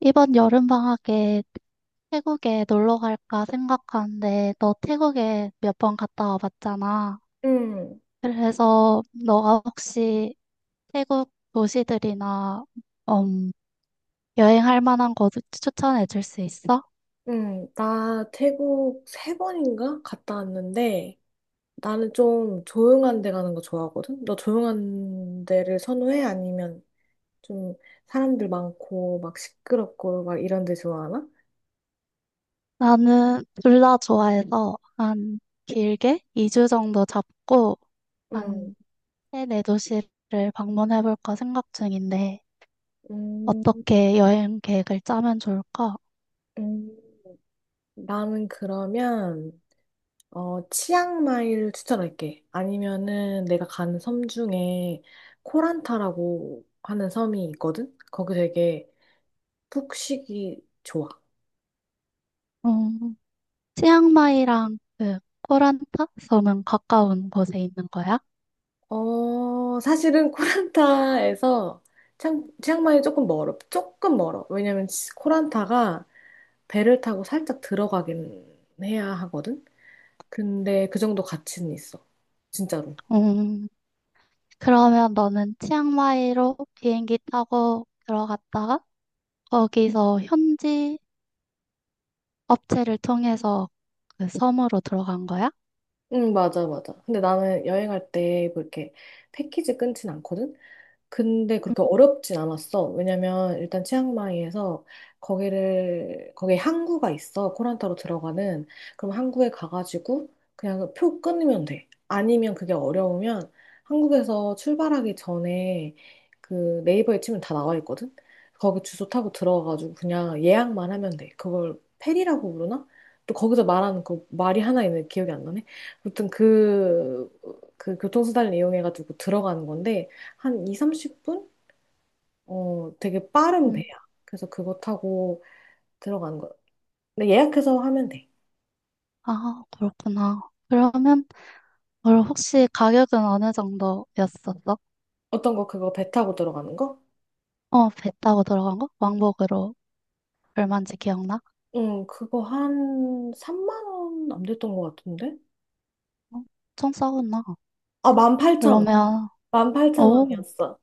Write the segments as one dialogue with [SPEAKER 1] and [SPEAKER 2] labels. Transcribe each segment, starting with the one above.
[SPEAKER 1] 이번 여름방학에 태국에 놀러 갈까 생각하는데, 너 태국에 몇 번 갔다 와봤잖아.
[SPEAKER 2] 응,
[SPEAKER 1] 그래서 너가 혹시 태국 도시들이나, 음, 여행할 만한 곳 추천해 줄 수 있어?
[SPEAKER 2] 응. 나 태국 세 번인가 갔다 왔는데, 나는 좀 조용한 데 가는 거 좋아하거든? 너 조용한 데를 선호해? 아니면 좀 사람들 많고 막 시끄럽고 막 이런 데 좋아하나?
[SPEAKER 1] 나는 둘 다 좋아해서 한 길게 2주 정도 잡고
[SPEAKER 2] 응,
[SPEAKER 1] 한 세네 도시를 방문해 볼까 생각 중인데,
[SPEAKER 2] 음,
[SPEAKER 1] 어떻게 여행 계획을 짜면 좋을까?
[SPEAKER 2] 음. 나는 그러면 치앙마이를 추천할게. 아니면은 내가 가는 섬 중에 코란타라고 하는 섬이 있거든? 거기 되게 푹 쉬기 좋아.
[SPEAKER 1] 음, 치앙마이랑 그 코란타 섬은 가까운 곳에 있는 거야?
[SPEAKER 2] 어, 사실은 코란타에서 치앙마이 조금 멀어. 조금 멀어. 왜냐면 코란타가 배를 타고 살짝 들어가긴 해야 하거든? 근데 그 정도 가치는 있어. 진짜로.
[SPEAKER 1] 음, 그러면 너는 치앙마이로 비행기 타고 들어갔다가 거기서 현지 업체를 통해서 그 섬으로 들어간 거야?
[SPEAKER 2] 응, 맞아, 맞아. 근데 나는 여행할 때 뭐 이렇게 패키지 끊진 않거든? 근데 그렇게 어렵진 않았어. 왜냐면 일단 치앙마이에서 거기를 거기에 항구가 있어. 코란타로 들어가는. 그럼 항구에 가가지고 그냥 그 표 끊으면 돼. 아니면 그게 어려우면 한국에서 출발하기 전에 그 네이버에 치면 다 나와 있거든. 거기 주소 타고 들어가가지고 그냥 예약만 하면 돼. 그걸 페리라고 부르나? 또 거기서 말하는 그 말이 하나 있는데 기억이 안 나네. 아무튼 그, 교통수단을 이용해가지고 들어가는 건데 한 2, 30분? 어, 되게 빠른 배야.
[SPEAKER 1] 음,
[SPEAKER 2] 그래서 그거 타고 들어가는 거. 근데 예약해서 하면 돼.
[SPEAKER 1] 아, 그렇구나. 그러면 그럼 혹시 가격은 어느 정도였었어?
[SPEAKER 2] 어떤 거, 그거 배 타고 들어가는 거?
[SPEAKER 1] 어, 배 타고 들어간 거? 왕복으로 얼마인지 기억나?
[SPEAKER 2] 응, 그거 한 3만 원 안 됐던 것 같은데?
[SPEAKER 1] 어, 엄청 싸구나.
[SPEAKER 2] 아, 18,000원.
[SPEAKER 1] 그러면 오.
[SPEAKER 2] 18,000원이었어.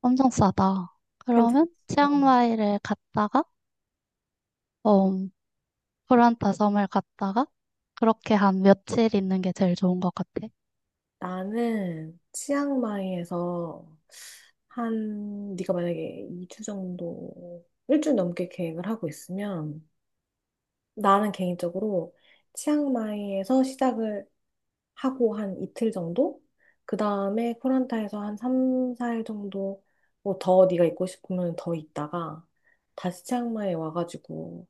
[SPEAKER 1] 엄청 싸다.
[SPEAKER 2] 괜찮지?
[SPEAKER 1] 그러면
[SPEAKER 2] 응.
[SPEAKER 1] 치앙마이를 갔다가, 어, 프란타 섬을 갔다가, 그렇게 한 며칠 있는 게 제일 좋은 것 같아.
[SPEAKER 2] 나는 치앙마이에서 네가 만약에 2주 정도, 일주일 넘게 계획을 하고 있으면 나는 개인적으로 치앙마이에서 시작을 하고 한 이틀 정도? 그 다음에 코란타에서 한 3, 4일 정도 뭐 더 네가 있고 싶으면 더 있다가 다시 치앙마이에 와가지고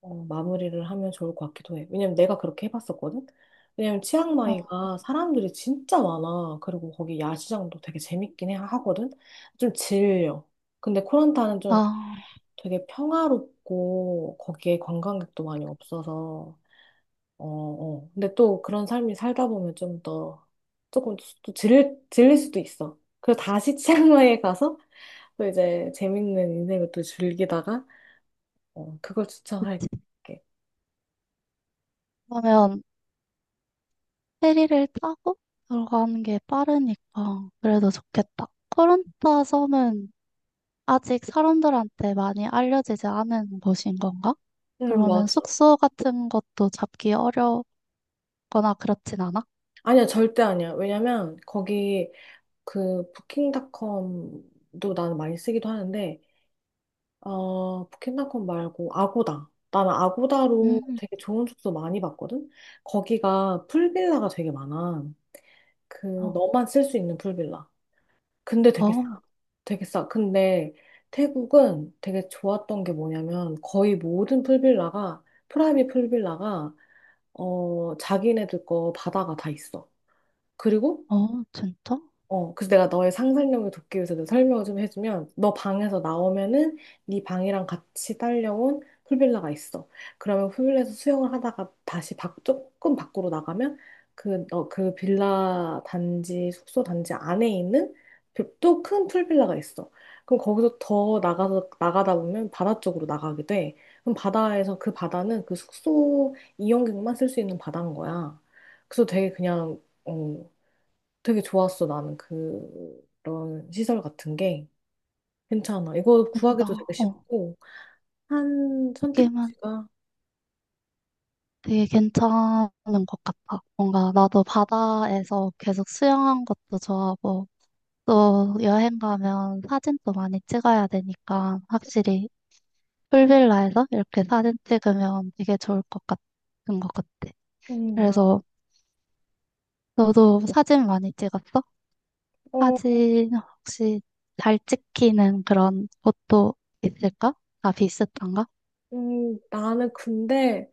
[SPEAKER 2] 마무리를 하면 좋을 것 같기도 해. 왜냐면 내가 그렇게 해봤었거든? 왜냐면
[SPEAKER 1] 어,
[SPEAKER 2] 치앙마이가 사람들이 진짜 많아. 그리고 거기 야시장도 되게 재밌긴 해, 하거든? 좀 질려. 근데 코란타는 좀
[SPEAKER 1] 아,
[SPEAKER 2] 되게 평화롭고 거기에 관광객도 많이 없어서. 어, 어. 근데 또 그런 삶이 살다 보면 좀 더, 조금 또 질릴 수도 있어. 그래서 다시 치앙마이에 가서 또 이제 재밌는 인생을 또 즐기다가, 그걸 추천할게.
[SPEAKER 1] 그러면 페리를 타고 들어가는 게 빠르니까 그래도 좋겠다. 코란타 섬은 아직 사람들한테 많이 알려지지 않은 곳인 건가?
[SPEAKER 2] 응,
[SPEAKER 1] 그러면
[SPEAKER 2] 맞아.
[SPEAKER 1] 숙소 같은 것도 잡기 어렵거나 그렇진 않아?
[SPEAKER 2] 아니야, 절대 아니야. 왜냐면 거기 그 부킹닷컴도 나는 많이 쓰기도 하는데, 부킹닷컴 말고 아고다. 나는 아고다로
[SPEAKER 1] 음,
[SPEAKER 2] 되게 좋은 숙소 많이 봤거든? 거기가 풀빌라가 되게 많아. 그,
[SPEAKER 1] 어,
[SPEAKER 2] 너만 쓸 수 있는 풀빌라. 근데 되게 싸.
[SPEAKER 1] 어,
[SPEAKER 2] 되게 싸. 근데 태국은 되게 좋았던 게 뭐냐면, 거의 모든 풀빌라가 프라이빗 풀빌라가, 자기네들 거 바다가 다 있어. 그리고
[SPEAKER 1] 어, 진짜?
[SPEAKER 2] 그래서 내가 너의 상상력을 돕기 위해서 내가 설명을 좀 해주면, 너 방에서 나오면은 네 방이랑 같이 딸려온 풀빌라가 있어. 그러면 풀빌라에서 수영을 하다가 다시 조금 밖으로 나가면 그 숙소 단지 안에 있는 그 또큰 풀빌라가 있어. 그럼 거기서 더 나가서, 나가다 보면 바다 쪽으로 나가게 돼. 그럼 바다에서 그 바다는 그 숙소 이용객만 쓸 수 있는 바다인 거야. 그래서 되게 그냥, 되게 좋았어, 나는 그런 시설 같은 게. 괜찮아. 이거
[SPEAKER 1] 진짜,
[SPEAKER 2] 구하기도 되게
[SPEAKER 1] 어.
[SPEAKER 2] 쉽고, 한
[SPEAKER 1] 되게
[SPEAKER 2] 선택지가,
[SPEAKER 1] 되게 괜찮은 것 같아. 뭔가 나도 바다에서 계속 수영한 것도 좋아하고, 또 여행 가면 사진도 많이 찍어야 되니까, 확실히 풀빌라에서 이렇게 사진 찍으면 되게 좋을 것 같은 것 같아.
[SPEAKER 2] 막,
[SPEAKER 1] 그래서 너도 사진 많이 찍었어?
[SPEAKER 2] 어,
[SPEAKER 1] 사진 혹시 잘 찍히는 그런 곳도 있을까? 다 비슷한가?
[SPEAKER 2] 나는 근데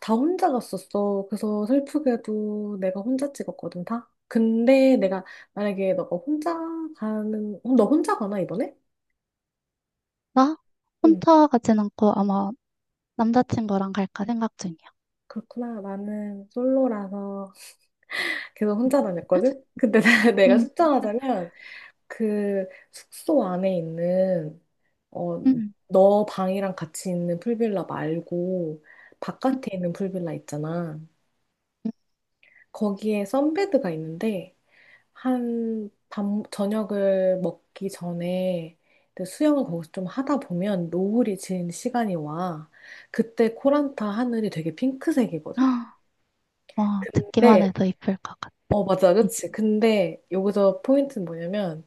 [SPEAKER 2] 다 혼자 갔었어. 그래서 슬프게도 내가 혼자 찍었거든, 다. 만약에 너가 혼자 너 혼자 가나, 이번에?
[SPEAKER 1] 나
[SPEAKER 2] 응,
[SPEAKER 1] 혼자 가진 않고 아마 남자친구랑 갈까 생각 중이야.
[SPEAKER 2] 그렇구나. 나는 솔로라서 계속 혼자 다녔거든? 근데 내가
[SPEAKER 1] 음,
[SPEAKER 2] 숫정하자면 그 숙소 안에 있는, 어,
[SPEAKER 1] 음.
[SPEAKER 2] 너 방이랑 같이 있는 풀빌라 말고 바깥에 있는 풀빌라 있잖아. 거기에 선베드가 있는데 저녁을 먹기 전에 이제 수영을 거기서 좀 하다 보면 노을이 지는 시간이 와. 그때 코란타 하늘이 되게
[SPEAKER 1] 헉,
[SPEAKER 2] 핑크색이거든?
[SPEAKER 1] 와, 듣기만
[SPEAKER 2] 근데,
[SPEAKER 1] 해도 이쁠 것 같아.
[SPEAKER 2] 맞아, 그치. 근데 여기서 포인트는 뭐냐면,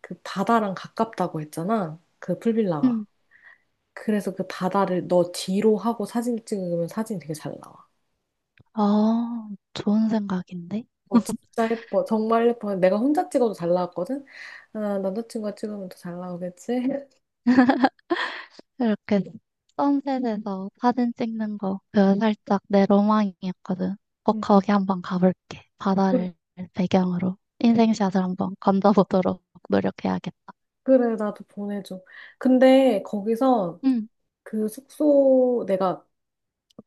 [SPEAKER 2] 그 바다랑 가깝다고 했잖아, 그 풀빌라가.
[SPEAKER 1] 응,
[SPEAKER 2] 그래서 그 바다를 너 뒤로 하고 사진 찍으면 사진이 되게 잘 나와.
[SPEAKER 1] 아, 좋은 생각인데?
[SPEAKER 2] 어, 진짜 예뻐. 정말 예뻐. 내가 혼자 찍어도 잘 나왔거든? 아, 남자친구가 찍으면 더 잘 나오겠지?
[SPEAKER 1] 이렇게 선셋에서 사진 찍는 거, 그 살짝 내 로망이었거든. 꼭
[SPEAKER 2] 응.
[SPEAKER 1] 거기 한번 가볼게.
[SPEAKER 2] 그래,
[SPEAKER 1] 바다를 배경으로 인생샷을 한번 건져보도록 노력해야겠다.
[SPEAKER 2] 그래, 나도 보내줘. 근데 거기서
[SPEAKER 1] 응.
[SPEAKER 2] 내가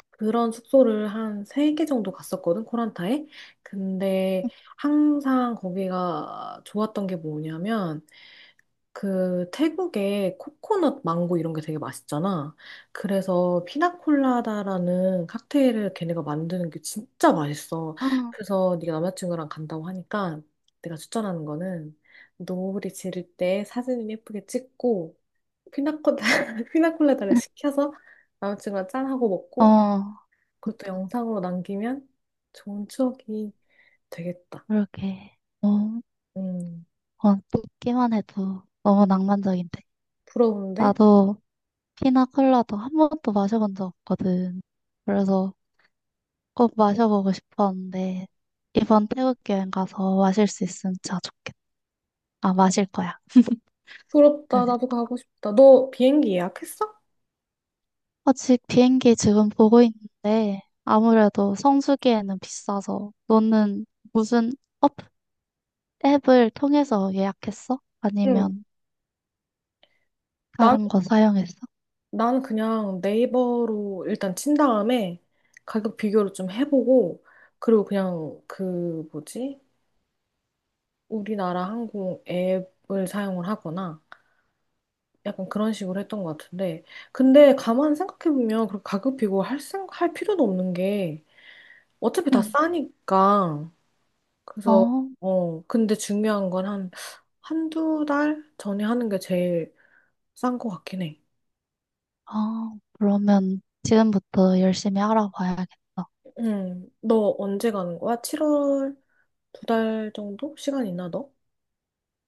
[SPEAKER 2] 그런 숙소를 한 세 개 정도 갔었거든, 코란타에. 근데 항상 거기가 좋았던 게 뭐냐면, 그 태국의 코코넛 망고 이런 게 되게 맛있잖아. 그래서 피나콜라다라는 칵테일을 걔네가 만드는 게 진짜 맛있어.
[SPEAKER 1] 아,
[SPEAKER 2] 그래서 네가 남자친구랑 간다고 하니까 내가 추천하는 거는 노을이 지를 때 사진을 예쁘게 찍고 피나콜라 피나콜라다를 시켜서 남자친구랑 짠하고 먹고
[SPEAKER 1] 어,
[SPEAKER 2] 그것도 영상으로 남기면 좋은 추억이 되겠다.
[SPEAKER 1] 그러게. 어, 어,
[SPEAKER 2] 음,
[SPEAKER 1] 듣기만 해도 너무 낭만적인데.
[SPEAKER 2] 부러운데?
[SPEAKER 1] 나도 피나 콜라도 한 번도 마셔본 적 없거든. 그래서 꼭 마셔보고 싶었는데, 이번 태국 여행 가서 마실 수 있으면 진짜 좋겠다. 아, 마실 거야.
[SPEAKER 2] 부럽다.
[SPEAKER 1] 사실.
[SPEAKER 2] 나도 가고 싶다. 너 비행기 예약했어?
[SPEAKER 1] 아직 비행기 지금 보고 있는데, 아무래도 성수기에는 비싸서, 너는 무슨 업, 앱을 통해서 예약했어?
[SPEAKER 2] 응.
[SPEAKER 1] 아니면
[SPEAKER 2] 난,
[SPEAKER 1] 다른 거 사용했어?
[SPEAKER 2] 나는 그냥 네이버로 일단 친 다음에 가격 비교를 좀 해보고, 그리고 그냥 그, 뭐지? 우리나라 항공 앱을 사용을 하거나, 약간 그런 식으로 했던 것 같은데. 근데 가만 생각해보면, 그렇게 가격 비교할 할 필요도 없는 게, 어차피 다
[SPEAKER 1] 응.
[SPEAKER 2] 싸니까. 그래서,
[SPEAKER 1] 어,
[SPEAKER 2] 근데 중요한 건 한두 달 전에 하는 게 제일 싼 것 같긴 해.
[SPEAKER 1] 아, 그러면 지금부터 열심히 알아봐야겠다.
[SPEAKER 2] 응, 너 언제 가는 거야? 7월? 두 달 정도? 시간 있나 너?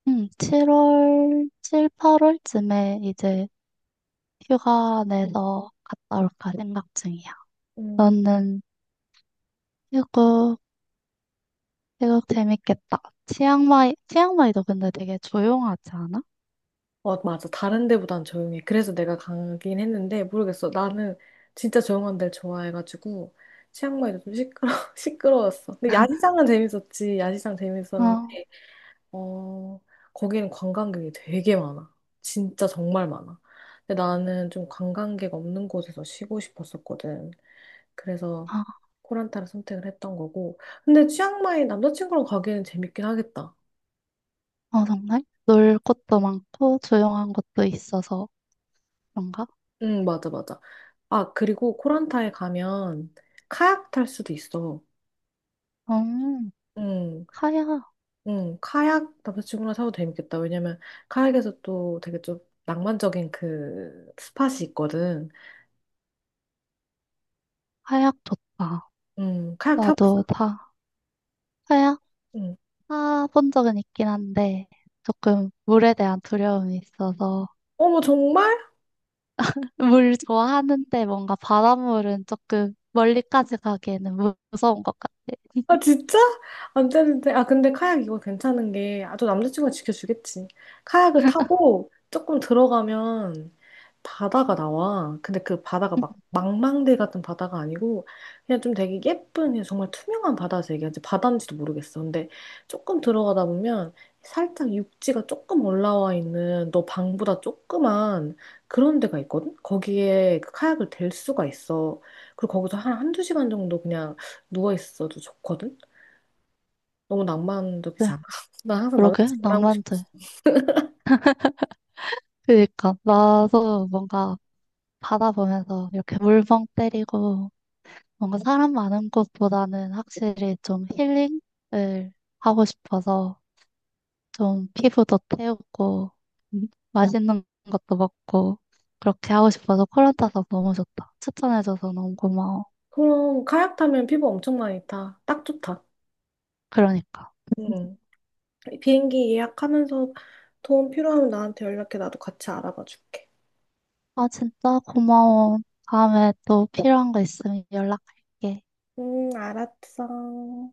[SPEAKER 1] 응, 7월, 7, 8월쯤에 이제 휴가 내서 갔다 올까 생각 중이야.
[SPEAKER 2] 음,
[SPEAKER 1] 너는 태국, 태국 재밌겠다. 치앙마이도 근데 되게 조용하지 않아?
[SPEAKER 2] 맞아. 다른 데보단 조용해. 그래서 내가 가긴 했는데 모르겠어. 나는 진짜 조용한 데를 좋아해가지고 치앙마이도 좀 시끄러 시끄러웠어. 근데 야시장은 재밌었지. 야시장 재밌었는데
[SPEAKER 1] 어,
[SPEAKER 2] 어 거기는 관광객이 되게 많아. 진짜 정말 많아. 근데 나는 좀 관광객 없는 곳에서 쉬고 싶었었거든. 그래서
[SPEAKER 1] 아,
[SPEAKER 2] 코란타를 선택을 했던 거고. 근데 치앙마이 남자친구랑 가기에는 재밌긴 하겠다.
[SPEAKER 1] 어, 정말? 놀 곳도 많고 조용한 곳도 있어서 그런가?
[SPEAKER 2] 응, 맞아, 맞아. 아, 그리고 코란타에 가면 카약 탈 수도 있어.
[SPEAKER 1] 음,
[SPEAKER 2] 응,
[SPEAKER 1] 하약,
[SPEAKER 2] 응, 카약 남자친구랑 타도 재밌겠다. 왜냐면 카약에서 또 되게 좀 낭만적인 그 스팟이 있거든.
[SPEAKER 1] 하약 좋다.
[SPEAKER 2] 응, 카약
[SPEAKER 1] 나도
[SPEAKER 2] 타봤어?
[SPEAKER 1] 다 하약
[SPEAKER 2] 응.
[SPEAKER 1] 타본 적은 있긴 한데 조금 물에 대한 두려움이 있어서
[SPEAKER 2] 어머, 정말?
[SPEAKER 1] 물 좋아하는데 뭔가 바닷물은 조금 멀리까지 가기에는 무서운 것 같아.
[SPEAKER 2] 아, 진짜? 안 되는데. 아, 근데 카약 이거 괜찮은 게, 아, 또 남자친구가 지켜주겠지. 카약을 타고 조금 들어가면 바다가 나와. 근데 그 바다가
[SPEAKER 1] 음,
[SPEAKER 2] 막 망망대 같은 바다가 아니고, 그냥 좀 되게 예쁜, 그냥 정말 투명한 바다에서 얘기하지. 바다인지도 모르겠어. 근데 조금 들어가다 보면 살짝 육지가 조금 올라와 있는 너 방보다 조그만 그런 데가 있거든? 거기에 그 카약을 댈 수가 있어. 그리고 거기서 한 한두 시간 정도 그냥 누워있어도 좋거든? 너무 낭만적이지 않아? 나 항상
[SPEAKER 1] 그러게,
[SPEAKER 2] 남자친구랑 하고 싶어.
[SPEAKER 1] 낭만적이다. 그니까 나도 뭔가 바다 보면서 이렇게 물멍 때리고 뭔가 사람 많은 곳보다는 확실히 좀 힐링을 하고 싶어서 좀 피부도 태우고 맛있는 것도 먹고 그렇게 하고 싶어서 코란 따서 너무 좋다. 추천해줘서 너무 고마워.
[SPEAKER 2] 그럼 카약 타면 피부 엄청 많이 타. 딱 좋다.
[SPEAKER 1] 그러니까.
[SPEAKER 2] 응. 비행기 예약하면서 도움 필요하면 나한테 연락해. 나도 같이 알아봐 줄게.
[SPEAKER 1] 아 진짜 고마워. 다음에 또 필요한 거 있으면 연락할게.
[SPEAKER 2] 응, 알았어.